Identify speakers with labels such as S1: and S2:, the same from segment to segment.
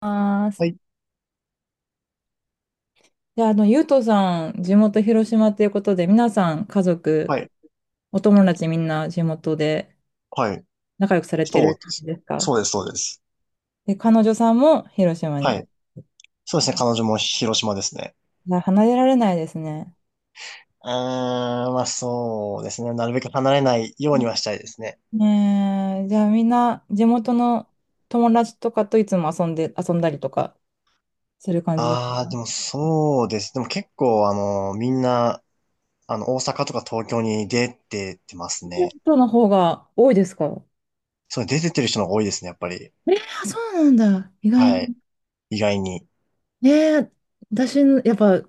S1: ます。
S2: はい、
S1: じゃあ、ゆうとさん、地元広島ということで、皆さん、家族、
S2: はい、
S1: お友達みんな地元で
S2: はい。
S1: 仲良くされて
S2: そ
S1: る
S2: うで
S1: 感じ
S2: す。
S1: です
S2: そ
S1: か？
S2: うです、そうです。
S1: で、彼女さんも広島
S2: は
S1: に。
S2: い。そうですね、彼女も広島ですね。
S1: いや離れられないですね。
S2: まあそうですね。なるべく離れないよう
S1: う
S2: に
S1: ん。
S2: はしたいですね。
S1: ねえ、じゃあみんな地元の友達とかといつも遊んだりとかする感じです。
S2: ああ、でもそうです。でも結構、みんな、大阪とか東京に出てってます
S1: 地
S2: ね。
S1: 元の方が多いですか？
S2: そう、出てってる人の方が多いですね、やっぱり。
S1: えー、そうなんだ。意外
S2: はい。
S1: に。
S2: 意外に。
S1: えー、私の、やっぱ、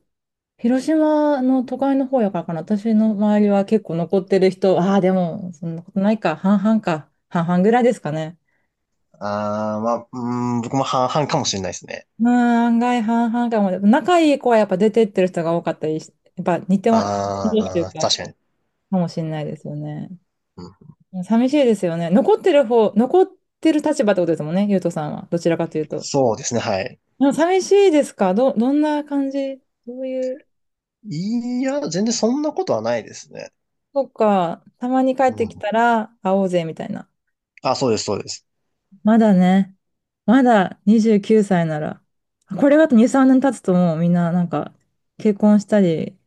S1: 広島の都会の方やからかな。私の周りは結構残ってる人、ああ、でも、そんなことないか。半々か。半々ぐらいですかね。
S2: ああ、まあ、僕も半々かもしれないですね。
S1: うん、案外半々かも。仲いい子はやっぱ出てってる人が多かったりし、やっぱ似て
S2: あ
S1: るっていう
S2: あ、
S1: か、
S2: 確かに。
S1: かもしれないですよね。
S2: うん、
S1: 寂しいですよね。残ってる立場ってことですもんね、ゆうとさんは。どちらかというと。
S2: そうですね、はい。
S1: でも寂しいですか？どんな感じ、どういう…
S2: いや、全然そんなことはないですね。
S1: そっか、たまに帰って
S2: う
S1: き
S2: ん。
S1: たら会おうぜみたいな。
S2: あ、そうです、そうです。
S1: まだね、まだ29歳なら、これがあと2、3年経つともうみんななんか結婚したり、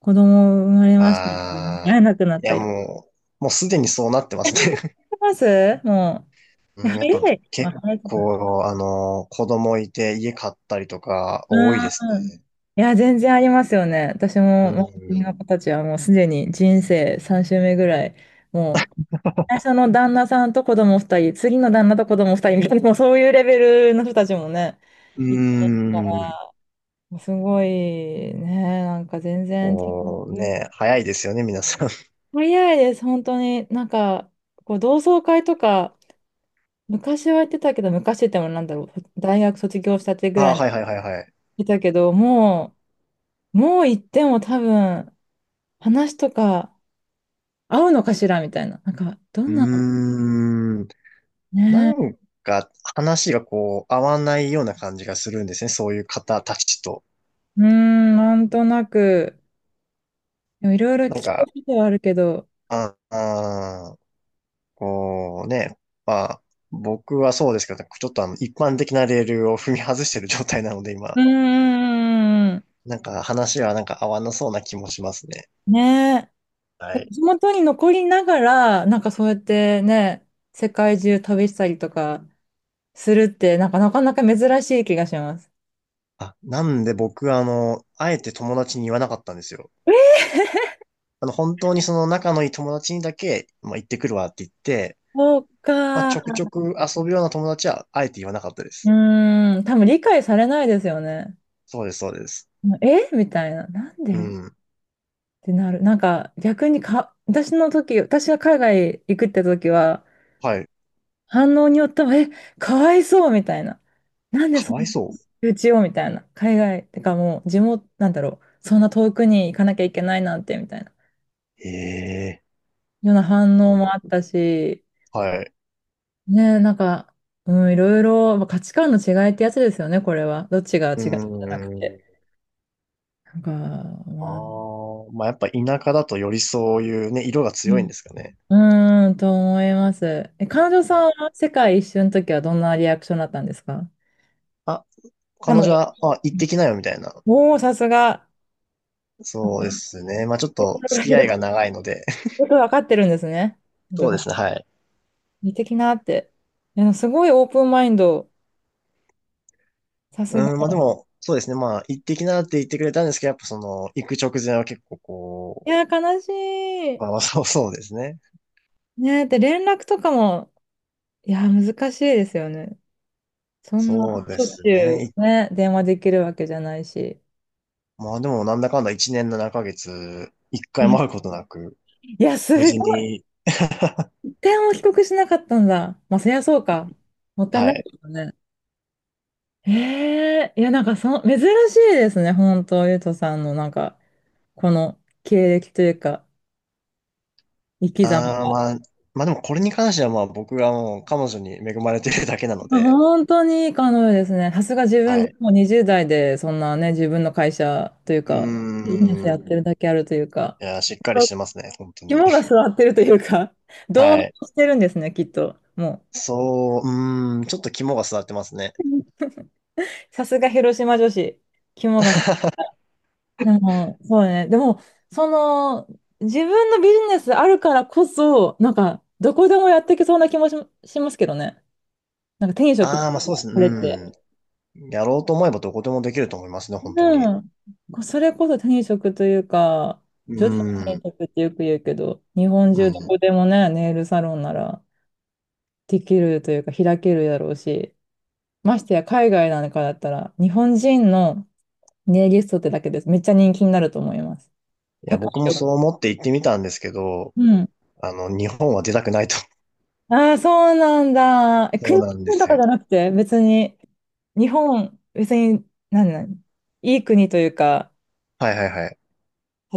S1: 子供生まれましたとか
S2: あ
S1: 会え
S2: ー、
S1: なくなっ
S2: いや、
S1: たり。し
S2: もうすでにそうなってますね。
S1: てますも う。い
S2: う
S1: や、
S2: ん、やっぱ
S1: 早い。ま
S2: 結
S1: あ、早いとか。
S2: 構、子供いて家買ったりとか多いです
S1: うん。
S2: ね。
S1: いや、全然ありますよね。私
S2: う
S1: も、もう、国
S2: ん。
S1: の子たちはもうすでに人生3周目ぐらい、もう、最初の旦那さんと子供2人、次の旦那と子供2人みたいな、もうそういうレベルの人たちもね、いっ
S2: う
S1: ぱいいるか
S2: ーん。
S1: ら。すごいね、なんか全然
S2: こう
S1: 違う。
S2: ね、早いですよね、皆さん。
S1: 早いです、本当に。なんか、こう同窓会とか、昔はやってたけど、昔ってもなんだろう、大学卒業したてぐら
S2: あ、
S1: いに
S2: はいはいはいはい。
S1: いたけど、もう行っても多分、話とか合うのかしらみたいな。なんか、ど
S2: う
S1: んな、
S2: ーん。な
S1: ね
S2: んか話がこう合わないような感じがするんですね、そういう方たちと。
S1: え、うーん、なんとなく、でもいろいろ聞
S2: なん
S1: きた
S2: か、
S1: いことはあるけど、
S2: ああこうね、まあ、僕はそうですけど、ちょっと一般的なレールを踏み外してる状態なので、今、
S1: うーん、
S2: なんか話はなんか合わなそうな気もしますね。
S1: ねえ、で
S2: は
S1: も
S2: い。
S1: 地元に残りながら、なんかそうやってね、世界中旅したりとかするって、なんかなかなか珍しい気がします。
S2: あ、なんで僕はあえて友達に言わなかったんですよ。本当にその仲のいい友達にだけ、まあ、行ってくるわって言って、
S1: そう
S2: まあ、
S1: か。
S2: ち
S1: う
S2: ょくちょく遊ぶような友達は、あえて言わなかったです。
S1: ーん、多分理解されないですよね。
S2: そうです、そうです。
S1: えみたいな。なん
S2: う
S1: でっ
S2: ん。
S1: てなる。なんか逆にか、私の時、私が海外行くって時は、
S2: はい。
S1: 反応によっては、かわいそうみたいな。なんで
S2: か
S1: そん
S2: わいそう。
S1: なうちをみたいな。海外、てかもう地元、なんだろう。そんな遠くに行かなきゃいけないなんて、みたいな。
S2: ええ。
S1: ような反応もあったし、
S2: はい。
S1: ねえ、なんか、うん、いろいろ、まあ価値観の違いってやつですよね、これは。どっちが違う
S2: うー
S1: じゃなくて。
S2: ん。
S1: なんか、
S2: あ
S1: まあ、
S2: あ、まあやっぱ田舎だとよりそういうね、色が
S1: う
S2: 強いん
S1: ん、
S2: ですかね。
S1: うーん、と思います。え、彼女
S2: は
S1: さん
S2: い。
S1: は世界一周の時はどんなリアクションだったんですか？
S2: あ、
S1: 彼
S2: 彼
S1: 女。
S2: 女は、あ、行ってきなよみたいな。
S1: おお、さすが。
S2: そうですね。まあちょっと
S1: 心が
S2: 付き合
S1: 広
S2: い
S1: い、
S2: が長いので。
S1: よくわかってるんですね。本当
S2: そう
S1: さ
S2: で
S1: ん
S2: すね、はい。
S1: 似てきなって。いや、すごいオープンマインド。さすが。
S2: うん、まあでも、そうですね。まあ行ってきなって言ってくれたんですけど、やっぱその、行く直前は結構
S1: い
S2: こう、
S1: や、悲しい。
S2: まあまあそう そうですね。
S1: ねえ、で、連絡とかも、いや、難しいですよね。そん
S2: そう
S1: な、
S2: で
S1: しょっ
S2: す
S1: ちゅ
S2: ね。い、
S1: うね、電話できるわけじゃないし。
S2: まあでもなんだかんだ1年7ヶ月、1回も
S1: ね、
S2: 会うことなく、
S1: いや、す
S2: 無事
S1: ごい。
S2: に、
S1: 電話を帰国しなかったんだ。まあ、そりゃそうか。もったい
S2: は
S1: ないで
S2: い。
S1: すね。ええ、いや、なんか珍しいですね、本当、ゆうとさんの、なんか、この経歴というか、生き様
S2: ああ、
S1: が。
S2: まあ、まあでもこれに関してはまあ僕がもう彼女に恵まれてるだけなの
S1: まあ
S2: で、
S1: 本当にいい彼女ですね。さすが自分
S2: は
S1: で
S2: い。
S1: もう20代で、そんなね、自分の会社という
S2: う
S1: か、ビジネス
S2: ー
S1: やっ
S2: ん。
S1: てるだけあるというか、
S2: いや、しっかりしてますね、本当に。
S1: 肝が据わってるというか、どう
S2: はい。
S1: してるんですね、きっと。もう。
S2: そう、うーん、ちょっと肝が据わってますね。
S1: さすが広島女子、肝がさ、でも、そうね。でも、その、自分のビジネスあるからこそ、なんか、どこでもやっていけそうな気もしますけどね。なんか、転職
S2: あ
S1: と
S2: あ、ま
S1: い
S2: あ
S1: う
S2: そうで
S1: か、
S2: すね、
S1: これって。
S2: うん。やろうと思えばどこでもできると思いますね、本当に。
S1: うん。それこそ転職というか、女
S2: う
S1: 子の転
S2: ん、
S1: 職ってよく言うけど、日本
S2: う
S1: 中ど
S2: ん。い
S1: こでもね、ネイルサロンならできるというか、開けるだろうし、ましてや海外なんかだったら、日本人のネイリストってだけです。めっちゃ人気になると思います。
S2: や、
S1: 高
S2: 僕もそう
S1: い。
S2: 思って行ってみたんですけど、
S1: うん。
S2: 日本は出たくないと。
S1: ああ、そうなんだ。
S2: そう
S1: 国
S2: なんで
S1: と
S2: す
S1: か
S2: よ。
S1: じゃなくて、別に、日本、別に、何いい国というか、
S2: はいはいはい。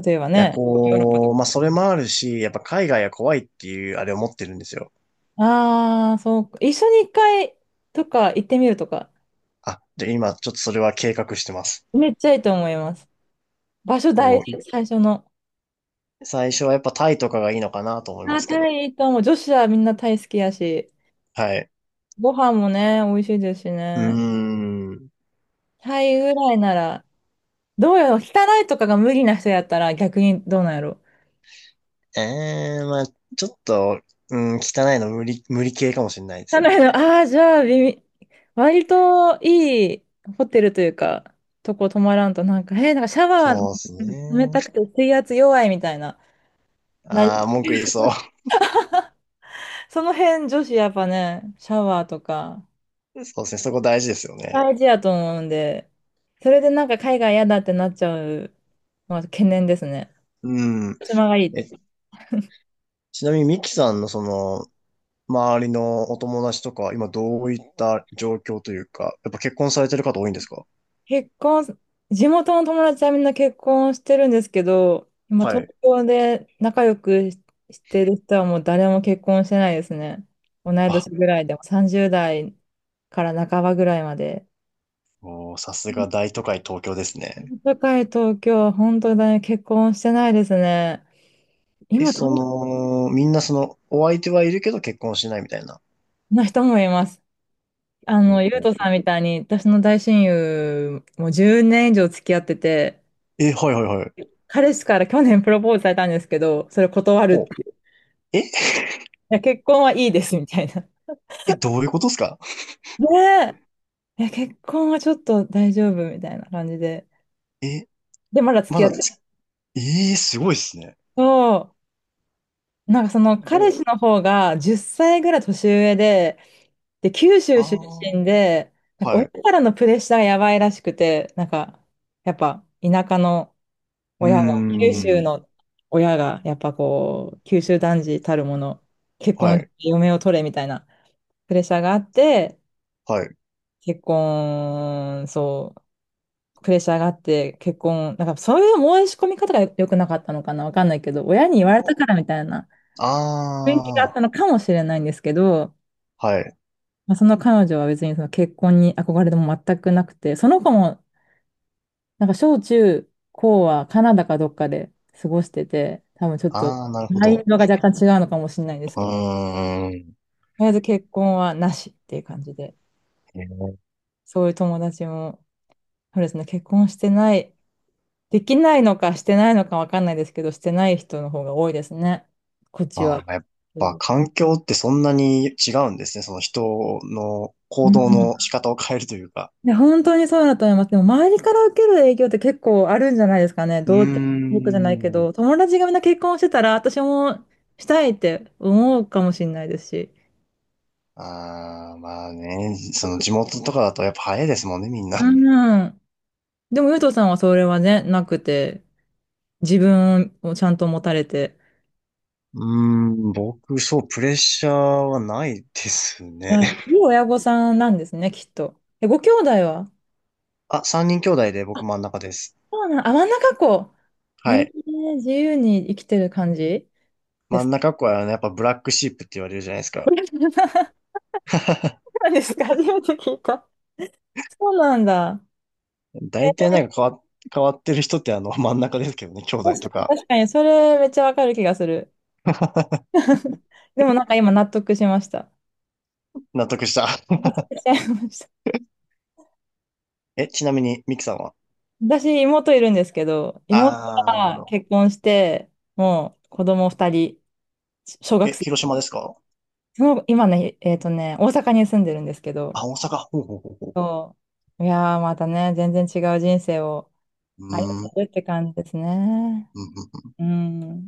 S1: 例えば
S2: いや、
S1: ね。
S2: こう、まあそれもあるし、やっぱ海外は怖いっていうあれを持ってるんですよ。
S1: ああ、そうか。一緒に一回とか行ってみるとか、
S2: あ、で、今ちょっとそれは計画してます。
S1: めっちゃいいと思います。場所大事、
S2: も
S1: 最初の。
S2: う最初はやっぱタイとかがいいのかなと思いま
S1: あー、
S2: すけ
S1: タ
S2: ど。
S1: イいいと思う。女子はみんなタイ好きやし、
S2: はい。
S1: ご飯もね、美味しいですし
S2: うー
S1: ね。
S2: ん。
S1: タイぐらいなら、どうやろう、汚いとかが無理な人やったら逆にどうなんやろ。
S2: ええ、まあ、ちょっと、うん、汚いの無理、無理系かもしれないで
S1: な
S2: すね。
S1: の、ああ、じゃあ、微妙、割といいホテルというか、とこ泊まらんと、なんか、なんかシャワー
S2: そうです
S1: 冷
S2: ね。
S1: たくて水圧弱いみたいな。なり、
S2: ああ、文句言いそ
S1: その辺、女子やっぱね、シャワーとか、
S2: う。そうですね、そこ大事ですよね。
S1: 大事やと思うんで、それでなんか海外嫌だってなっちゃうのは懸念ですね。
S2: うん。
S1: 島がいいっ
S2: え、
S1: て。
S2: ちなみにミキさんのその、周りのお友達とか、今どういった状況というか、やっぱ結婚されてる方多いんですか？
S1: 結婚、地元の友達はみんな結婚してるんですけど、今
S2: は
S1: 東
S2: い。
S1: 京で仲良くしてる人はもう誰も結婚してないですね。同い
S2: あ、
S1: 年ぐらいでも30代から半ばぐらいまで。
S2: おー、さすが大都会東京ですね。
S1: 社会東京は本当に結婚してないですね。
S2: え、
S1: 今、
S2: そ
S1: 東京
S2: の、みんなその、お相手はいるけど結婚しないみたいな。
S1: の人もいます。あ
S2: ほ
S1: の、
S2: う
S1: ゆう
S2: ほう
S1: と
S2: ほ
S1: さ
S2: う。
S1: んみたいに、私の大親友もじゅう10年以上付き合ってて、
S2: え、はいはいはい。
S1: 彼氏から去年プロポーズされたんですけど、それ断るって、
S2: ほう。え、
S1: や、結婚はいいですみたいな。
S2: え、どういうことですか？
S1: ねえ、いや、結婚はちょっと大丈夫みたいな感じで。
S2: え、
S1: で、まだ付
S2: ま
S1: き合っ
S2: だ
S1: てる
S2: つ、え、えすごいですね。
S1: と、なんかその
S2: ほ
S1: 彼
S2: う。
S1: 氏の方が10歳ぐらい年上で、で、九
S2: あ
S1: 州出
S2: あ、
S1: 身で、なんか
S2: は
S1: 親
S2: い。
S1: からのプレッシャーがやばいらしくて、なんか、やっぱ田舎の
S2: うー
S1: 親が、九州
S2: ん。
S1: の親が、やっぱこう、九州男児たるもの、結
S2: は
S1: 婚し
S2: い。
S1: て嫁を取れみたいなプレッシャーがあって、
S2: はい。
S1: 結婚、そうプレッシャーがあって結婚、なんかそういう申し込み方が良くなかったのかなわかんないけど、親に言われたからみたいな
S2: あ
S1: 雰囲気があっ
S2: あ、
S1: たのかもしれないんですけど、
S2: はい。
S1: まあ、その彼女は別にその結婚に憧れでも全くなくて、その子もなんか小中高はカナダかどっかで過ごしてて、多分ちょっと
S2: ああ、なるほ
S1: マイン
S2: ど。
S1: ドが若干違うのかもしれないです
S2: う
S1: けど、
S2: ーん。
S1: とりあえず結婚はなしっていう感じで、
S2: えー、
S1: そういう友達も、そうですね、結婚してない、できないのかしてないのかわかんないですけど、してない人の方が多いですね。こっちは。
S2: ああ、やっ
S1: う
S2: ぱ
S1: ん
S2: 環境ってそんなに違うんですね。その人の
S1: う
S2: 行動
S1: ん、
S2: の仕方を変えるというか。
S1: いや、本当にそうだと思います。でも、周りから受ける影響って結構あるんじゃないですかね。
S2: うー
S1: 僕じゃないけ
S2: ん。
S1: ど、友達がみんな結婚してたら、私もしたいって思うかもしれないですし。
S2: ああ、まあね、その地元とかだとやっぱ早いですもんね、みんな。
S1: うん。でも、ゆうとさんはそれはね、なくて、自分をちゃんと持たれて、
S2: うー僕、そう、プレッシャーはないですね。
S1: はい、い い親御さんなんですね、きっと。え、ご兄弟は？
S2: あ、三人兄弟で僕真ん中です。
S1: そうなん、あ、真ん中っ子。
S2: はい。
S1: 自由に生きてる感じで
S2: 真
S1: す
S2: ん
S1: か？
S2: 中っ子はね、やっぱブラックシープって言われるじゃないですか。
S1: そ うなんですか、初めて聞いた。そうなんだ。
S2: 大体なんか変わっ、変わってる人って真ん中ですけどね、兄弟
S1: 確
S2: と
S1: かに、
S2: か。
S1: 確かにそれめっちゃわかる気がする。でもなんか今納得しました。
S2: 納得した。
S1: 納得しちゃいました。
S2: え、ちなみに、ミキさんは
S1: 私、妹いるんですけど、妹
S2: ああなるほ
S1: が
S2: ど。
S1: 結婚して、もう子供2人、小学
S2: え、
S1: 生。
S2: 広島ですか？
S1: その今ね、大阪に住んでるんですけど、
S2: あ、大阪。ほうほうほうほ
S1: そう。いやー、またね、全然違う人生を
S2: う。
S1: 歩ん
S2: うーん。
S1: でるって感じですね。
S2: うんうん
S1: うん。